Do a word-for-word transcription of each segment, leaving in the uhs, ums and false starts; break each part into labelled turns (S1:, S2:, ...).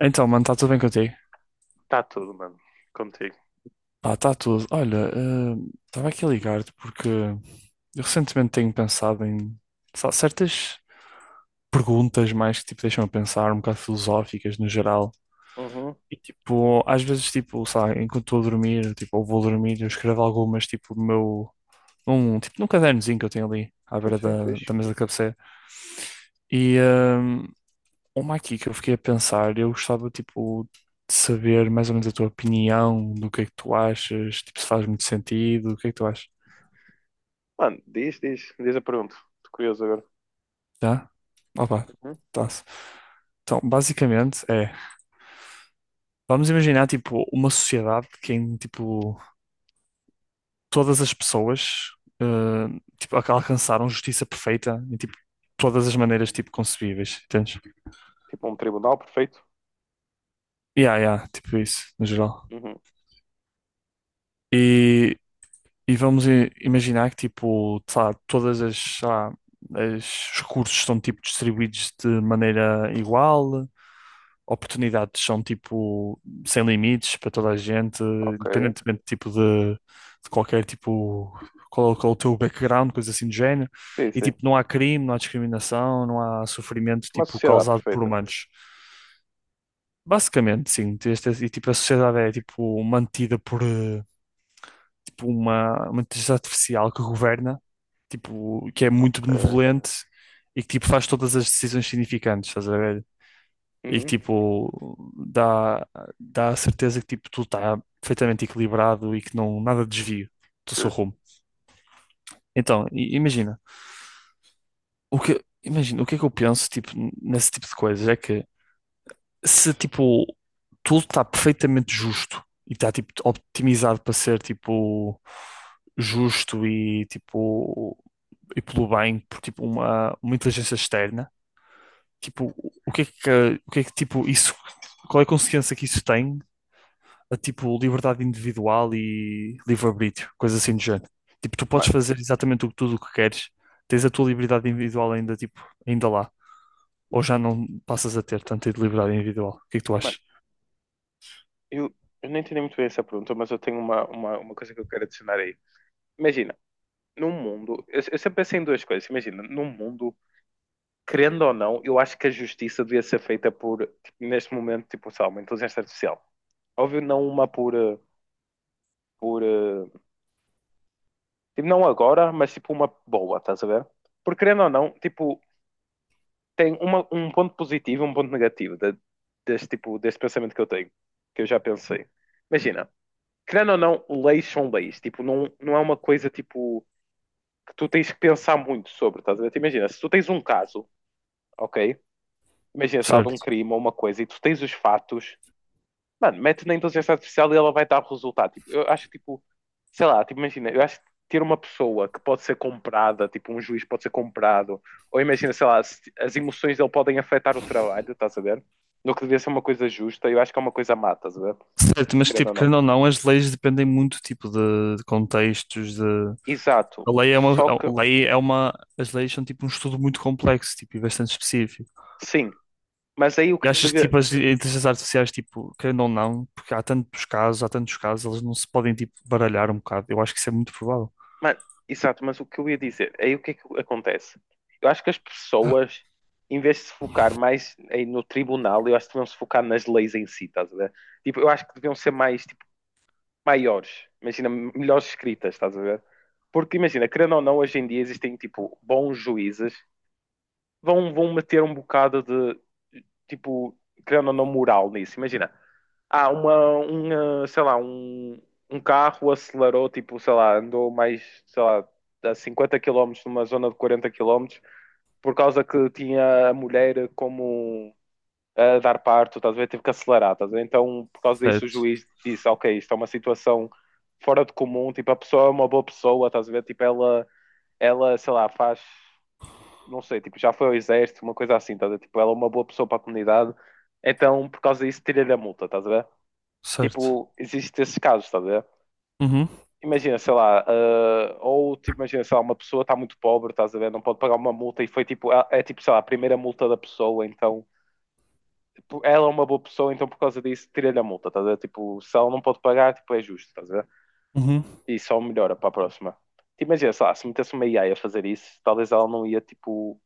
S1: Então, mano, está tudo bem contigo?
S2: Está tudo, mano. Contigo.
S1: Pá, está tudo. Olha, estava aqui a ligar-te porque eu recentemente tenho pensado em só certas perguntas mais que tipo, deixam a pensar, um bocado filosóficas no geral.
S2: Uhum.
S1: E tipo, às vezes, tipo, sabe, enquanto estou a dormir, tipo, ou vou dormir, eu escrevo algumas, tipo, no meu, um, tipo, num cadernozinho que eu tenho ali à
S2: Sim,
S1: beira
S2: sim,
S1: da, da
S2: fixe.
S1: mesa de cabeceira. E, eh, Uma aqui que eu fiquei a pensar, eu gostava, tipo, de saber mais ou menos a tua opinião, do que é que tu achas, tipo, se faz muito sentido, o que é que tu achas?
S2: Mano, diz, diz, diz a pergunta. Estou curioso agora.
S1: Tá? Opa,
S2: Uhum.
S1: tá-se. Então, basicamente é, vamos imaginar, tipo, uma sociedade que em, tipo, todas as pessoas, eh, tipo, alca- alcançaram justiça perfeita em, tipo, todas as maneiras, tipo, concebíveis, entendes?
S2: Tipo um tribunal perfeito?
S1: Yeah, yeah, tipo isso, no geral.
S2: Uhum.
S1: E E vamos i- imaginar que, tipo, sei lá, todas as, sei lá, as- os recursos estão, tipo, distribuídos de maneira igual, oportunidades são, tipo, sem limites para toda a gente,
S2: Ok.
S1: independentemente, tipo, de, de qualquer, tipo, qual, qual é o teu background, coisa assim do género.
S2: Sim,
S1: E,
S2: sim.
S1: tipo, não há crime, não há discriminação, não há sofrimento,
S2: Uma
S1: tipo,
S2: sociedade
S1: causado por
S2: perfeita.
S1: humanos. Basicamente, sim. este- E, tipo, a sociedade é, tipo, mantida por... eh, tipo uma, uma inteligência artificial que governa, tipo, que é muito
S2: Ok.
S1: benevolente e que tipo faz todas as decisões significantes, estás a ver? E que
S2: Uhum.
S1: tipo dá, dá a certeza que tipo tudo está perfeitamente equilibrado e que não nada desvio do seu
S2: Justo.
S1: rumo. Então, i- imagina, o que imagina, o que é que eu penso tipo nesse tipo de coisas é que se tipo tudo está perfeitamente justo e está tipo optimizado para ser tipo justo e tipo e pelo bem por tipo uma, uma inteligência externa, tipo, o que é que, o que é que tipo isso, qual é a consequência que isso tem a tipo liberdade individual e livre-arbítrio, coisa assim do género. Tipo, tu podes
S2: Mano,
S1: fazer exatamente o- tudo o que queres, tens a tua liberdade individual ainda tipo, ainda lá, ou já não passas a ter tanta liberdade individual. O que é que tu
S2: mano,
S1: achas?
S2: eu, eu não entendi muito bem essa pergunta, mas eu tenho uma, uma, uma coisa que eu quero adicionar aí. Imagina, num mundo. Eu, eu sempre pensei em duas coisas. Imagina, num mundo, querendo ou não, eu acho que a justiça devia ser feita por, tipo, neste momento, tipo, sei lá, uma inteligência artificial. Óbvio, não uma por. eh, por eh, tipo, não agora, mas tipo uma boa, estás a ver? Porque querendo ou não, tipo, tem uma, um ponto positivo e um ponto negativo de- deste tipo, deste pensamento que eu tenho, que eu já pensei. Imagina, querendo ou não, leis são leis, tipo, não, não é uma coisa tipo que tu tens que pensar muito sobre, estás a ver? Tipo, imagina, se tu tens um caso, ok? Imagina, sei lá, de um
S1: Certo.
S2: crime ou uma coisa e tu tens os fatos. Mano, mete na inteligência artificial e ela vai dar o resultado. Tipo, eu acho que, tipo, sei lá, tipo, imagina, eu acho que ter uma pessoa que pode ser comprada, tipo, um juiz pode ser comprado, ou imagina, sei lá, se- as emoções dele podem afetar o trabalho, estás a ver? No que devia ser uma coisa justa, eu acho que é uma coisa má, estás a ver?
S1: Certo, mas
S2: Querendo
S1: tipo,
S2: ou não.
S1: querendo ou não, as leis dependem muito tipo de, de contextos, de
S2: Exato.
S1: A lei é uma,
S2: Só
S1: a
S2: que,
S1: lei é uma, as leis são tipo um estudo muito complexo, tipo, e bastante específico.
S2: sim, mas aí o
S1: E
S2: que
S1: achas que
S2: devia.
S1: tipo as inteligências artificiais, tipo, querendo ou não, porque há tantos casos, há tantos casos, elas não se podem tipo baralhar um bocado. Eu acho que isso é muito provável.
S2: Mano, exato, mas o que eu ia dizer, aí o que é que acontece? Eu acho que as pessoas, em vez de se focar mais aí no tribunal, eu acho que deviam se focar nas leis em si, estás a ver? Tipo, eu acho que deviam ser mais, tipo, maiores, imagina, melhores escritas, estás a ver? Porque imagina, querendo ou não, hoje em dia existem, tipo, bons juízes, vão, vão meter um bocado de, tipo, querendo ou não, moral nisso. Imagina, ah, uma, uma, sei lá, um, um carro acelerou, tipo, sei lá, andou mais, sei lá, a cinquenta quilómetros numa zona de quarenta quilómetros por causa que tinha a mulher como a dar parto, estás a ver? Teve que acelerar, estás a ver? Então, por causa disso, o
S1: Certo,
S2: juiz disse, ok, isto é uma situação fora de comum, tipo, a pessoa é uma boa pessoa, estás a ver? Tipo, ela, ela, sei lá, faz, não sei, tipo, já foi ao exército, uma coisa assim, estás a ver? Tipo, ela é uma boa pessoa para a comunidade, então, por causa disso, tira-lhe a multa, estás a ver?
S1: certo.
S2: Tipo, existe esses casos, estás a ver?
S1: Uhum,
S2: Imagina, sei lá, ah, ou tipo, imagina, sei lá, uma pessoa está muito pobre, estás a ver, não pode pagar uma multa e foi tipo, é, é, tipo, sei lá, a primeira multa da pessoa, então tipo, ela é uma boa pessoa, então por causa disso tira-lhe a multa, estás a ver? Tipo, se ela não pode pagar, tipo, é justo, estás a ver?
S1: uhum.
S2: E só melhora para a próxima. Tipo, imagina, sei lá, se metesse uma A I a a fazer isso, talvez ela não ia, tipo,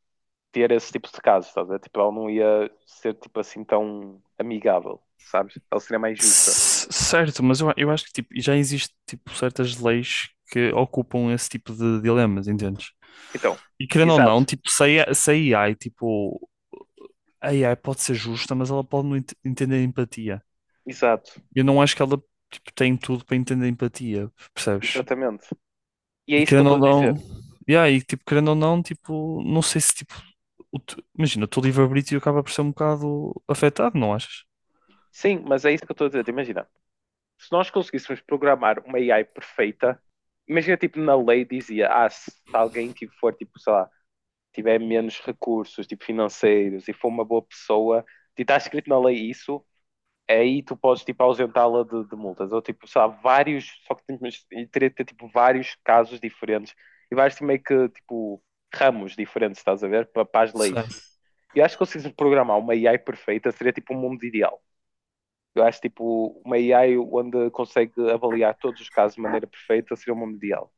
S2: ter esse tipo de casos, estás a ver? Tipo, ela não ia ser, tipo, assim tão amigável, sabes? Ela seria mais justa.
S1: C- Certo, mas eu, eu acho que tipo, já existe tipo certas leis que ocupam esse tipo de dilemas, entendes?
S2: Então,
S1: E querendo ou não,
S2: exato,
S1: tipo, se a se a AI, tipo, a AI pode ser justa, mas ela pode não ent- entender empatia.
S2: exato.
S1: Eu não acho que ela tipo, tem tudo para entender empatia, percebes?
S2: Exatamente. E é
S1: E
S2: isso que eu
S1: querendo
S2: estou
S1: ou
S2: a
S1: não,
S2: dizer.
S1: yeah, e tipo, querendo ou não, tipo, não sei se tipo, o te- imagina, o teu livre-arbítrio acaba por ser um bocado afetado, não achas?
S2: Sim, mas é isso que eu estou a dizer. Imagina, se nós conseguíssemos programar uma A I perfeita, imagina, tipo, na lei dizia, ah, se alguém tipo, for, tipo, sei lá, tiver menos recursos, tipo, financeiros e for uma boa pessoa, e está escrito na lei isso, aí tu podes, tipo, ausentá-la de, de multas. Ou, tipo, sei lá, vários, só que temos- teria de ter, tipo, vários casos diferentes e vários, tipo, meio que, tipo, ramos diferentes, estás a ver, para, para as
S1: Será?
S2: leis. Eu acho que consegues programar uma A I perfeita seria tipo um mundo ideal. Eu acho tipo uma A I onde consegue avaliar todos os casos de maneira perfeita seria um mundo ideal.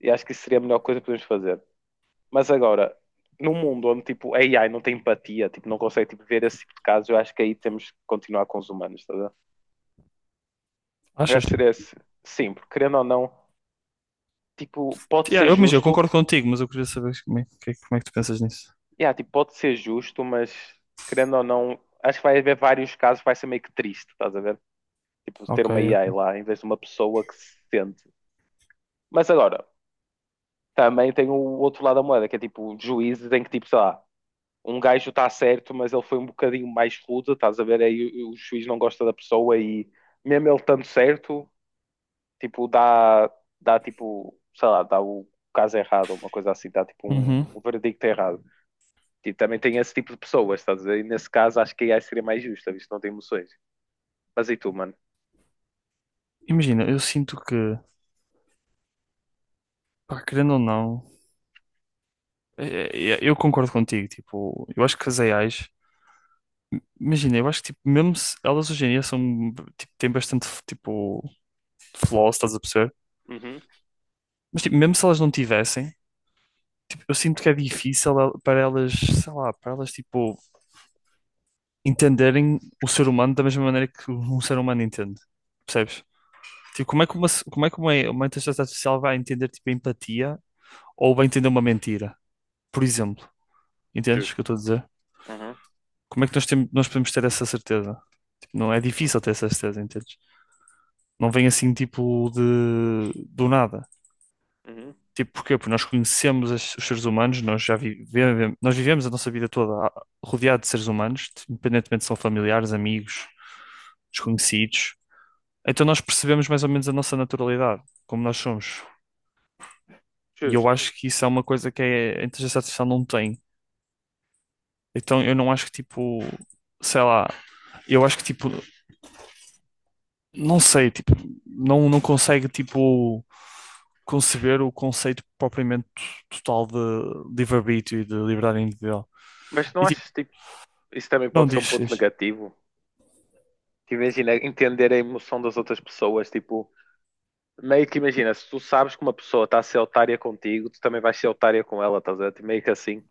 S2: E acho que isso seria a melhor coisa que podemos fazer. Mas agora, num mundo onde tipo a AI não tem empatia, tipo, não consegue tipo, ver esse tipo de casos, eu acho que aí temos que continuar com os humanos, tá vendo? Eu
S1: Achas?
S2: acho que seria esse. Sim, porque querendo ou não, tipo, pode
S1: Yeah,
S2: ser
S1: eu, imagina, eu
S2: justo,
S1: concordo contigo, mas eu queria saber como é que, como é que tu pensas nisso.
S2: yeah, tipo, pode ser justo, mas querendo ou não, acho que vai haver vários casos, que vai ser meio que triste, estás a ver? Tipo, ter
S1: Ok.
S2: uma
S1: É.
S2: A I lá em vez de uma pessoa que se sente. Mas agora, também tem o outro lado da moeda, que é tipo juízes em que tipo, sei lá, um gajo está certo, mas ele foi um bocadinho mais rude, estás a ver? Aí o, o juiz não gosta da pessoa e mesmo ele estando certo, tipo, dá, dá tipo, sei lá, dá o caso errado, uma coisa assim, dá tipo um,
S1: Uhum.
S2: um verdicto errado. E também tem esse tipo de pessoas, estás a ver? E nesse caso acho que a AI seria mais justa, visto que não tem emoções. Mas e tu, mano?
S1: Imagina, eu sinto que, pá, querendo ou não, é- é- eu concordo contigo, tipo, eu acho que as A Is, imagina, eu acho que tipo, mesmo se elas hoje em dia são, tipo, têm bastante, tipo, flaws, estás a perceber?
S2: Uhum,
S1: Mas tipo, mesmo se elas não tivessem, tipo, eu sinto que é difícil el- para elas, sei lá, para elas tipo entenderem o ser humano da mesma maneira que um ser humano entende. Percebes? Tipo, como é que uma, como é que uma, uma inteligência artificial vai entender tipo a empatia ou vai entender uma mentira? Por exemplo, entendes o
S2: justo.
S1: que eu estou a dizer?
S2: Uhum,
S1: Como é que nós, temos, nós podemos ter essa certeza? Tipo, não é
S2: uhum,
S1: difícil ter essa certeza, entendes? Não vem assim tipo de do nada.
S2: uhum.
S1: Tipo, porquê? Porque nós conhecemos as- os seres humanos, nós já vivemos, nós vivemos a nossa vida toda a- rodeado de seres humanos, independentemente se são familiares, amigos, desconhecidos. Então nós percebemos mais ou menos a nossa naturalidade, como nós somos. E eu
S2: Justo.
S1: acho que isso é uma coisa que é, a inteligência artificial não tem. Então eu não acho que tipo, sei lá, eu acho que tipo, não sei, tipo, não, não consegue tipo conceber o conceito propriamente total de livre-arbítrio e de liberdade individual.
S2: Mas não
S1: E
S2: achas tipo, isso também
S1: Não
S2: pode ser um ponto
S1: dizes.
S2: negativo? Que imagina entender a emoção das outras pessoas, tipo, meio que imagina, se tu sabes que uma pessoa está a ser otária contigo, tu também vais ser otária com ela, estás a ver? Tipo, meio que assim.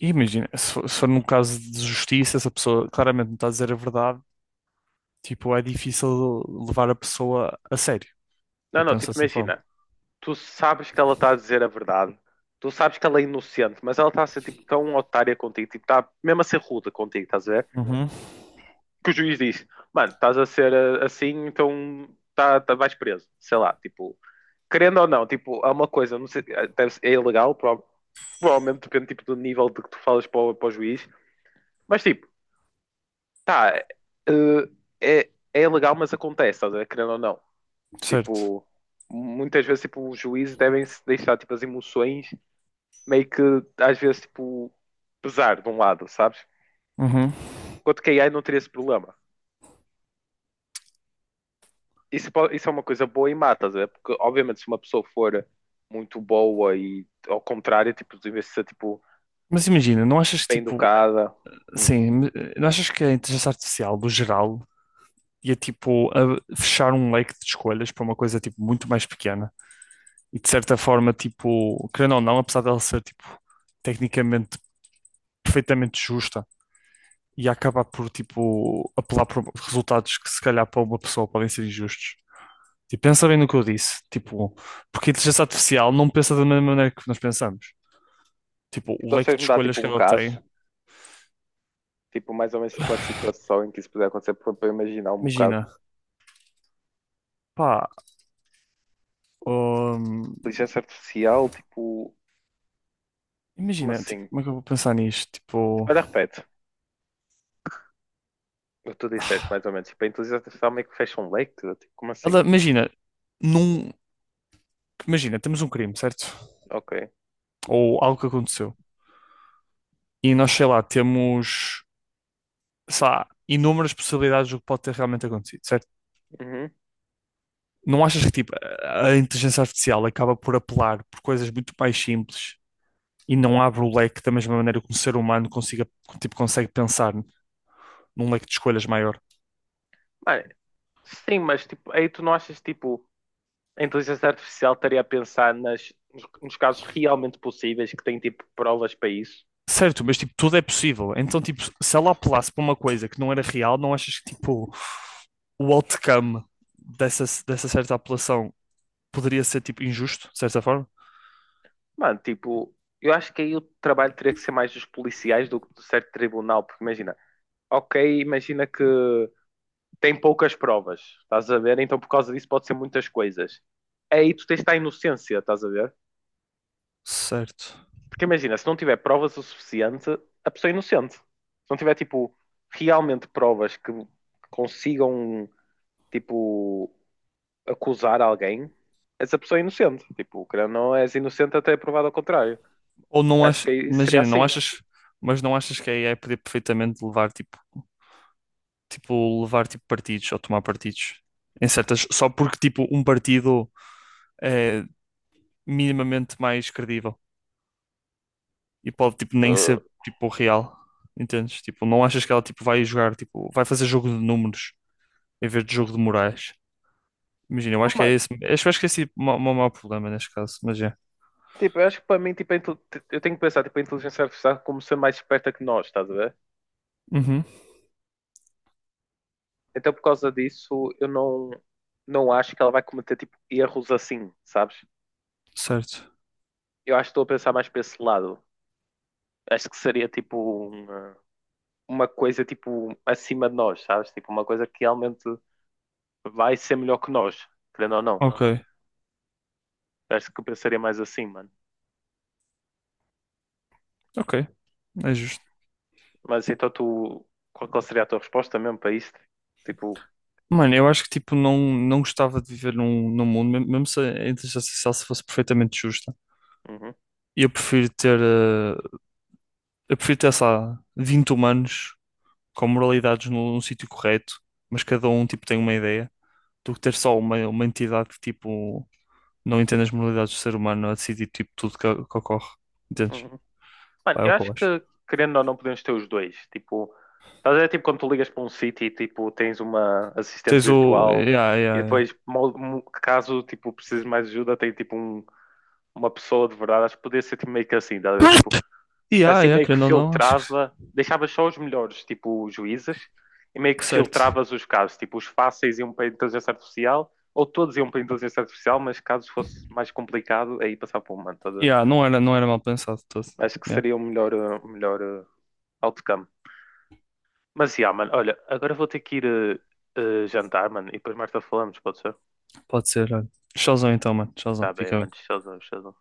S1: E imagina, se for, se for num caso de justiça, se a pessoa claramente não está a dizer a verdade, tipo, é difícil levar a pessoa a sério. Eu
S2: Não, não,
S1: penso
S2: tipo,
S1: dessa forma.
S2: imagina, tu sabes que ela está a dizer a verdade, tu sabes que ela é inocente, mas ela está a ser tipo tão otária contigo, tipo, está mesmo a ser rude contigo, estás a ver?
S1: Uhum,
S2: Que o juiz diz, mano, estás a ser ah, assim, então tá, tá- vais preso, sei lá, tipo. Querendo ou não, tipo, há uma coisa, não sei, deve ser- é ilegal, prova- provavelmente depende tipo, do nível de que tu falas para o, para o, juiz, mas tipo, tá, eh, é, é ilegal, mas acontece, estás a ver? Querendo ou não.
S1: certo.
S2: Tipo, muitas vezes tipo, os juízes devem se deixar tipo, as emoções meio que às vezes tipo, pesar de um lado, sabes?
S1: Uhum.
S2: Enquanto que a AI não teria esse problema. Isso, po- isso é uma coisa boa e má, estás a ver? Porque obviamente se uma pessoa for muito boa e ao contrário, tipo, deve ser tipo,
S1: Mas imagina, não achas que
S2: bem
S1: tipo,
S2: educada.
S1: assim, não achas que a inteligência artificial, no geral, ia tipo a fechar um leque de escolhas para uma coisa tipo muito mais pequena? E de certa forma, tipo, querendo ou não, apesar dela ser tipo tecnicamente perfeitamente justa e acabar por, tipo, apelar por resultados que, se calhar, para uma pessoa podem ser injustos. Tipo, pensa bem no que eu disse, tipo, porque a inteligência artificial não pensa da mesma maneira que nós pensamos. Tipo, o
S2: Então, se
S1: leque
S2: vocês
S1: de
S2: me dar
S1: escolhas
S2: tipo
S1: que
S2: um
S1: ela
S2: caso,
S1: tem,
S2: tipo mais ou menos tipo, uma situação em que isso puder acontecer, para para eu imaginar um bocado.
S1: imagina, pá, hum,
S2: Inteligência artificial, tipo, como
S1: imagina, tipo,
S2: assim?
S1: como é que eu vou pensar nisto? Tipo,
S2: Olha, repete. O que tu disseste mais ou menos, tipo, a inteligência artificial meio que fecha um leque, tipo, como
S1: ela,
S2: assim?
S1: imagina, num, imagina, temos um crime, certo?
S2: Ok.
S1: Ou algo que aconteceu. E nós, sei lá, temos, sei lá, inúmeras possibilidades do que pode ter realmente acontecido, certo?
S2: Uhum.
S1: Não achas que tipo, a inteligência artificial acaba por apelar por coisas muito mais simples e não abre o leque da mesma maneira que um ser humano consiga, tipo, consegue pensar num leque de escolhas maior?
S2: Mano, sim, mas tipo, aí tu não achas tipo, a inteligência artificial estaria a pensar nas, nos, nos casos realmente possíveis que tem tipo provas para isso?
S1: Certo, mas tipo, tudo é possível. Então, tipo, se ela apelasse para uma coisa que não era real, não achas que tipo, o outcome dessa, dessa certa apelação poderia ser tipo injusto, de certa forma?
S2: Mano, tipo, eu acho que aí o trabalho teria que ser mais dos policiais do que do certo tribunal, porque imagina, ok, imagina que tem poucas provas, estás a ver? Então por causa disso pode ser muitas coisas. Aí tu tens de estar inocência, estás a ver?
S1: Certo.
S2: Porque imagina, se não tiver provas o suficiente, a pessoa é inocente. Se não tiver, tipo, realmente provas que consigam, tipo, acusar alguém, essa pessoa é inocente. Tipo, querendo ou não és inocente até provado ao contrário.
S1: Ou não
S2: Eu acho
S1: achas,
S2: que aí seria
S1: imagina, não
S2: assim.
S1: achas, mas não achas que a AI podia perfeitamente levar tipo, tipo, levar tipo partidos ou tomar partidos em certas, só porque tipo um partido é minimamente mais credível e pode tipo nem
S2: Uh,
S1: ser tipo real, entendes? Tipo, não achas que ela tipo vai jogar, tipo, vai fazer jogo de números em vez de jogo de morais? Imagina, eu acho que é
S2: Mano,
S1: esse, acho, acho que é esse o ma- o maior problema neste caso, mas é.
S2: tipo, eu acho que para mim, tipo, a intel- eu tenho que pensar, tipo, a inteligência artificial como ser mais esperta que nós, estás a ver?
S1: Uhum,
S2: Então, por causa disso, eu não, não acho que ela vai cometer tipo erros assim, sabes?
S1: certo.
S2: Eu acho que estou a pensar mais para esse lado. Acho que seria tipo uma, uma coisa tipo acima de nós, sabes? Tipo uma coisa que realmente vai ser melhor que nós, querendo ou não.
S1: Ok,
S2: Acho que eu pensaria mais assim, mano.
S1: ok, é justo.
S2: Mas então tu, qual qual seria a tua resposta mesmo para isto? Tipo,
S1: Mano, eu acho que tipo não, não gostava de viver num, num mundo, mesmo mesmo se a inteligência artificial se fosse perfeitamente justa.
S2: uhum,
S1: Eu prefiro ter, eh, eu prefiro ter, sei lá, vinte humanos com moralidades num, num sítio correto, mas cada um tipo tem uma ideia, do que ter só uma, uma entidade que tipo não entende as moralidades do ser humano a decidir tipo tudo que, que ocorre. Entendes?
S2: uhum. Mano,
S1: Pá, é
S2: eu
S1: o que eu
S2: acho
S1: acho.
S2: que, querendo ou não, podemos ter os dois. Tipo, estás a ver, tipo, quando tu ligas para um sítio e, tipo, tens uma assistente
S1: Tens o.
S2: virtual
S1: Yeah,
S2: e
S1: yeah, yeah.
S2: depois, mo- mo- caso, tipo, precises mais ajuda, tem, tipo, um- uma pessoa de verdade. Acho que podia ser, tipo, meio que assim, estás a ver? Tipo,
S1: Yeah,
S2: assim
S1: yeah,
S2: meio que
S1: querendo ou não, acho que
S2: filtrava, deixavas só os melhores, tipo, os juízes e meio que
S1: certo.
S2: filtravas os casos. Tipo, os fáceis iam para a inteligência artificial ou todos iam para a inteligência artificial, mas caso fosse mais complicado, aí passava para o humano.
S1: Yeah, não era, não era mal pensado todo.
S2: Acho que
S1: Yeah.
S2: seria o melhor, eh, o melhor eh, outcome. Mas, yeah, mano, olha, agora vou ter que ir eh, eh, jantar, mano, e depois mais tarde falamos, pode ser?
S1: Pode ser, olha. Tchauzão então, mano.
S2: Tá
S1: Tchauzão.
S2: bem,
S1: Fica
S2: mano,
S1: bem.
S2: showzão, showzão.